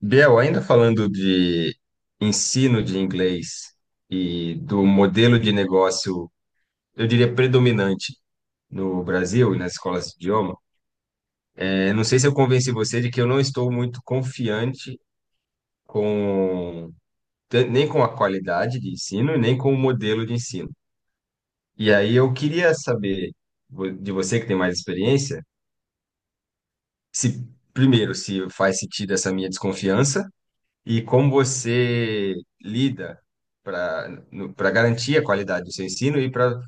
Biel, ainda falando de ensino de inglês e do modelo de negócio, eu diria predominante no Brasil e nas escolas de idioma, não sei se eu convenci você de que eu não estou muito confiante com nem com a qualidade de ensino, e nem com o modelo de ensino. E aí eu queria saber de você que tem mais experiência, se primeiro se faz sentido essa minha desconfiança. E como você lida para para garantir a qualidade do seu ensino e para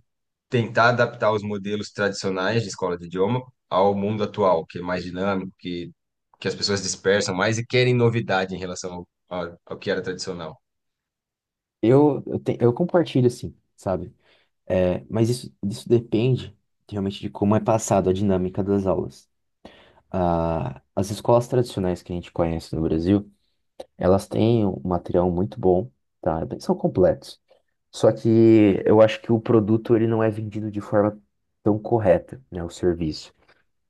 tentar adaptar os modelos tradicionais de escola de idioma ao mundo atual, que é mais dinâmico, que as pessoas dispersam mais e querem novidade em relação ao que era tradicional? Eu compartilho assim, sabe? É, mas isso depende realmente de como é passado a dinâmica das aulas. As escolas tradicionais que a gente conhece no Brasil, elas têm um material muito bom, tá? Eles são completos. Só que eu acho que o produto ele não é vendido de forma tão correta, né? O serviço.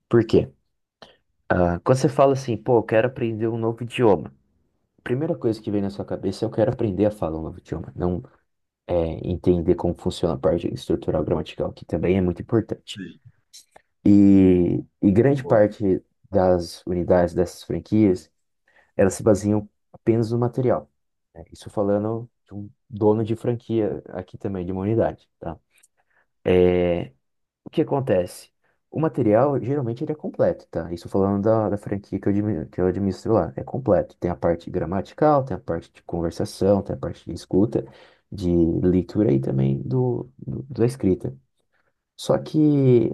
Por quê? Quando você fala assim, pô, eu quero aprender um novo idioma. A primeira coisa que vem na sua cabeça é eu quero aprender a falar um novo idioma. Não é, entender como funciona a parte estrutural gramatical, que também é muito importante. Sim. E grande Boa. parte das unidades dessas franquias, elas se baseiam apenas no material. Né? Isso falando de um dono de franquia aqui também, de uma unidade, tá? É, o que acontece? O material, geralmente, ele é completo, tá? Isso falando da franquia que eu administro lá. É completo. Tem a parte gramatical, tem a parte de conversação, tem a parte de escuta, de leitura e também da escrita. Só que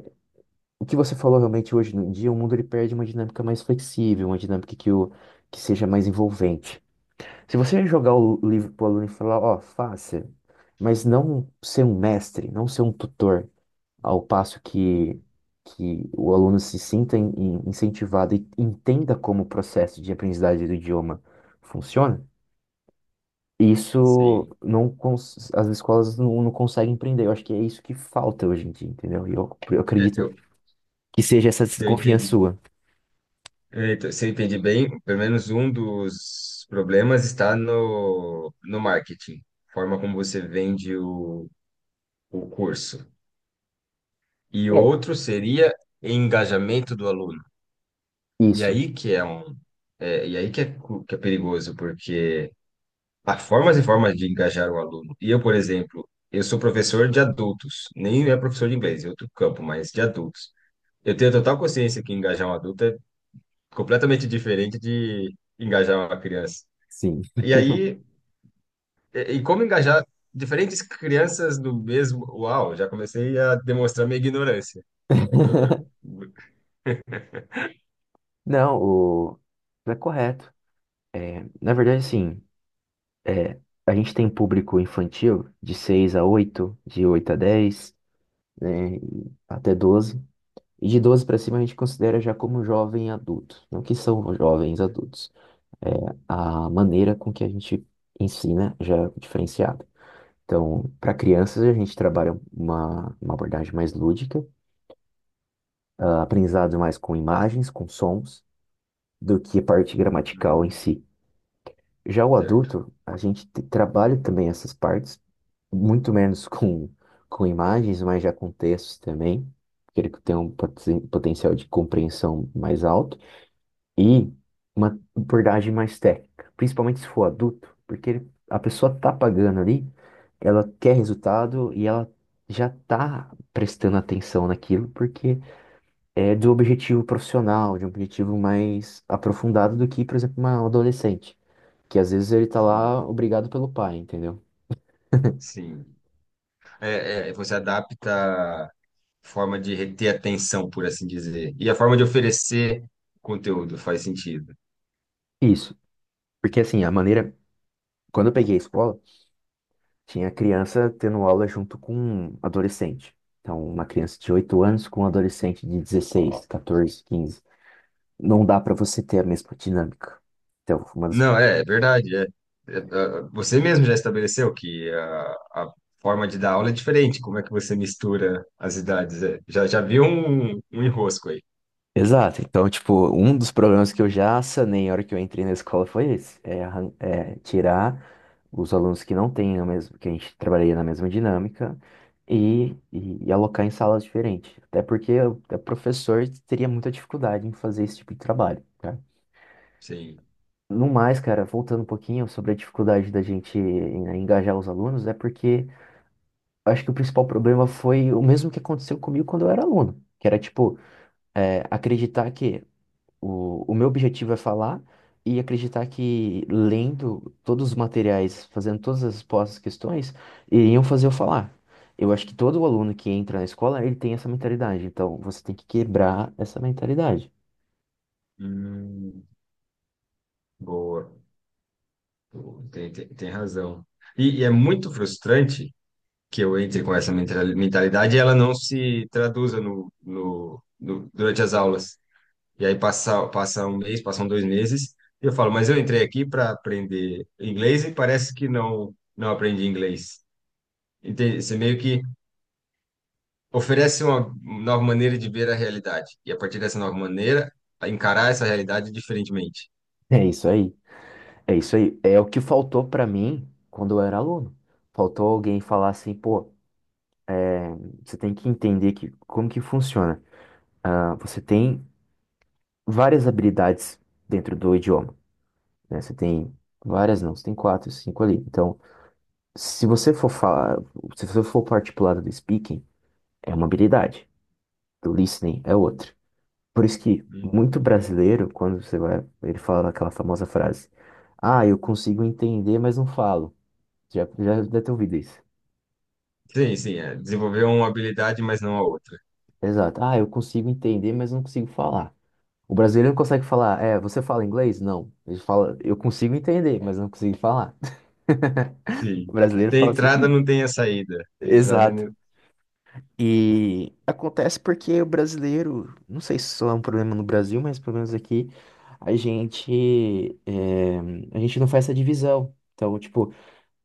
o que você falou realmente hoje no dia, o mundo ele perde uma dinâmica mais flexível, uma dinâmica que seja mais envolvente. Se você jogar o livro pro aluno e falar, ó, faça, mas não ser um mestre, não ser um tutor, ao passo Sim, que o aluno se sinta incentivado e entenda como o processo de aprendizagem do idioma funciona, sim. As escolas não conseguem empreender. Eu acho que é isso que falta hoje em dia, entendeu? E eu É, acredito Eu, que seja essa se eu desconfiança entendi, sua. é, Então, se eu entendi bem, pelo menos um dos problemas está no marketing, forma como você vende o curso. E É, outro seria engajamento do aluno. E isso, aí que é um, e aí que é, que é perigoso, porque há formas e formas de engajar o aluno. E eu, por exemplo, eu sou professor de adultos, nem é professor de inglês, é outro campo, mas de adultos. Eu tenho total consciência que engajar um adulto é completamente diferente de engajar uma criança. sim. E aí, e como engajar diferentes crianças no mesmo. Uau, já comecei a demonstrar minha ignorância. Eu- eu- Não, o... não é correto. É, na verdade, assim, é, a gente tem público infantil de 6 a oito, de 8 a dez, né, e até doze. E de 12 para cima a gente considera já como jovem adulto, não que são jovens adultos. É, a maneira com que a gente ensina já é diferenciada. Então, para crianças, a gente trabalha uma abordagem mais lúdica, aprendizado mais com imagens, com sons, do que a parte gramatical em Hum, si. Já o certo. adulto, a gente trabalha também essas partes, muito menos com imagens, mas já com textos também, porque ele tem um potencial de compreensão mais alto. E uma abordagem mais técnica, principalmente se for adulto, porque a pessoa tá pagando ali, ela quer resultado e ela já tá prestando atenção naquilo, porque é do objetivo profissional, de um objetivo mais aprofundado do que, por exemplo, um adolescente, que às vezes ele tá Sim. lá obrigado pelo pai, entendeu? Sim. Você adapta a forma de reter atenção, por assim dizer. E a forma de oferecer conteúdo faz sentido. Isso, porque assim, a maneira, quando eu peguei a escola, tinha criança tendo aula junto com um adolescente. Então, uma criança de 8 anos com um adolescente de 16, 14, quinze, não dá pra você ter a mesma dinâmica. Então, uma das... Não, é, é verdade. Você mesmo já estabeleceu que a forma de dar aula é diferente. Como é que você mistura as idades? É, já, já vi um enrosco aí. Exato. Então, tipo, um dos problemas que eu já sanei na hora que eu entrei na escola foi esse, é, é tirar os alunos que não têm a mesma, que a gente trabalharia na mesma dinâmica e, e alocar em salas diferentes. Até porque o professor teria muita dificuldade em fazer esse tipo de trabalho, tá? Sim. No mais, cara, voltando um pouquinho sobre a dificuldade da gente engajar os alunos, é porque eu acho que o principal problema foi o mesmo que aconteceu comigo quando eu era aluno, que era tipo é, acreditar que o meu objetivo é falar e acreditar que lendo todos os materiais, fazendo todas as postas questões, iriam fazer eu falar. Eu acho que todo aluno que entra na escola, ele tem essa mentalidade. Então, você tem que quebrar essa mentalidade. Hum, boa. Tem razão. E é muito frustrante que eu entre com essa mentalidade e ela não se traduza durante as aulas. E aí passa, passa um mês, passam dois meses, e eu falo, mas eu entrei aqui para aprender inglês e parece que não, não aprendi inglês. Entende? Você meio que oferece uma nova maneira de ver a realidade. E a partir dessa nova maneira, a encarar essa realidade diferentemente. É isso aí. É isso aí. É o que faltou pra mim quando eu era aluno. Faltou alguém falar assim, pô, você tem que entender que, como que funciona. Ah, você tem várias habilidades dentro do idioma. Né? Você tem várias, não, você tem quatro, cinco ali. Então, se você for falar, se você for partir pro lado do speaking, é uma habilidade. Do listening é outra. Por isso que muito Uhum. brasileiro, quando você vai, ele fala aquela famosa frase: ah, eu consigo entender, mas não falo. Já, já deve ter ouvido isso. Sim, sim, é desenvolver uma habilidade, mas não a outra. Exato. Ah, eu consigo entender, mas não consigo falar. O brasileiro não consegue falar, é, você fala inglês? Não. Ele fala, eu consigo entender, mas não consigo falar. Sim. O brasileiro Tem fala entrada, sempre. não tem a saída. Tem entrada, e Exato. não- E acontece porque o brasileiro, não sei se isso é um problema no Brasil, mas pelo menos aqui a gente, é, a gente não faz essa divisão. Então, tipo,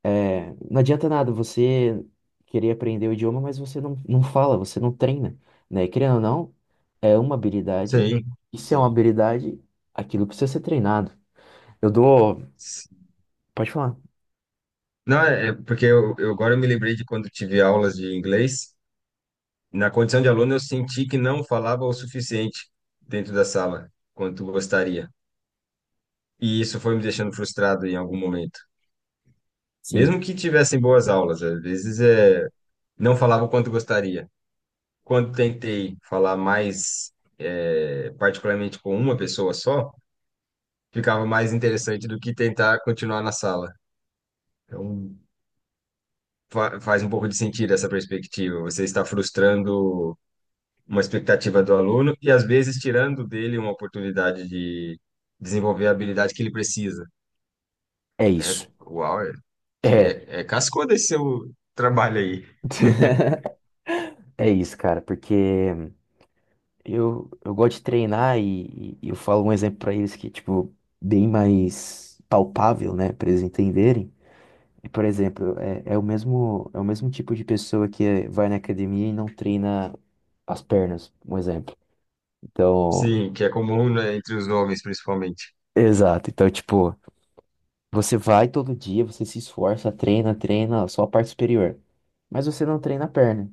é, não adianta nada você querer aprender o idioma, mas você não fala, você não treina, né? Querendo ou não, é uma habilidade, sim. e se é Sim. uma habilidade, aquilo precisa ser treinado. Eu dou. Pode falar. Não, é é porque eu agora eu me lembrei de quando tive aulas de inglês. Na condição de aluno, eu senti que não falava o suficiente dentro da sala, quanto gostaria. E isso foi me deixando frustrado em algum momento. Sim, Mesmo que tivessem boas aulas, às vezes não falava o quanto gostaria. Quando tentei falar mais, particularmente com uma pessoa só, ficava mais interessante do que tentar continuar na sala. Então, faz um pouco de sentido essa perspectiva. Você está frustrando uma expectativa do aluno e às vezes tirando dele uma oportunidade de desenvolver a habilidade que ele precisa. é É, isso. uau, é, que É. é, é cascudo esse seu trabalho aí. É isso, cara, porque eu gosto de treinar e eu falo um exemplo pra eles que, tipo, bem mais palpável, né, pra eles entenderem. E, por exemplo, é, é o mesmo tipo de pessoa que vai na academia e não treina as pernas, um exemplo. Então, Sim, que é comum, né, entre os homens, principalmente. exato. Então, tipo, você vai todo dia, você se esforça, treina, treina só a parte superior, mas você não treina a perna.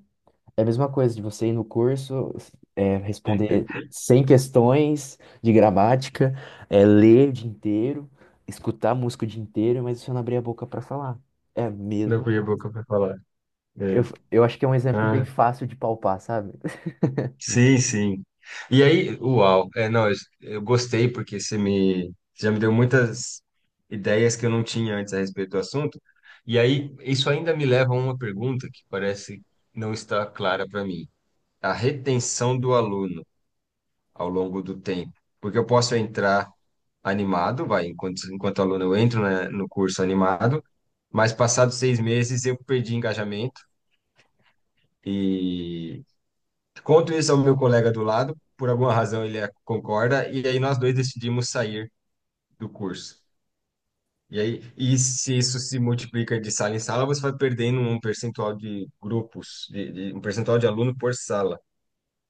É a mesma coisa de você ir no curso, é, responder 100 questões de gramática, é, ler o dia inteiro, escutar música o dia inteiro, mas você não abrir a boca pra falar. É Não mesmo. fui a boca para falar. Eu, É. eu acho que é um exemplo bem Ah, fácil de palpar, sabe? sim, sim. Não, eu gostei porque você já me deu muitas ideias que eu não tinha antes a respeito do assunto. E aí, isso ainda me leva a uma pergunta que parece não estar clara para mim. A retenção do aluno ao longo do tempo. Porque eu posso entrar animado, enquanto aluno eu entro, né, no curso animado, mas passados seis meses eu perdi engajamento e conto isso ao meu colega do lado, por alguma razão ele concorda, e aí nós dois decidimos sair do curso. E aí, e se isso se multiplica de sala em sala, você vai perdendo um percentual de grupos, um percentual de aluno por sala,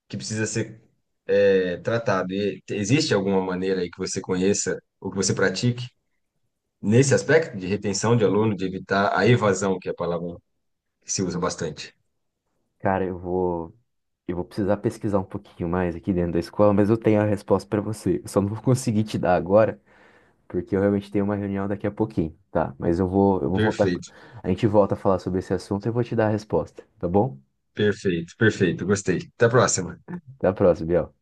que precisa ser tratado. E existe alguma maneira aí que você conheça ou que você pratique nesse aspecto de retenção de aluno, de evitar a evasão, que é a palavra que se usa bastante? Cara, eu vou precisar pesquisar um pouquinho mais aqui dentro da escola, mas eu tenho a resposta pra você. Eu só não vou conseguir te dar agora, porque eu realmente tenho uma reunião daqui a pouquinho, tá? Mas eu vou voltar. Perfeito, A gente volta a falar sobre esse assunto e eu vou te dar a resposta, tá bom? Perfeito. Gostei. Até a próxima. Até a próxima, Biel.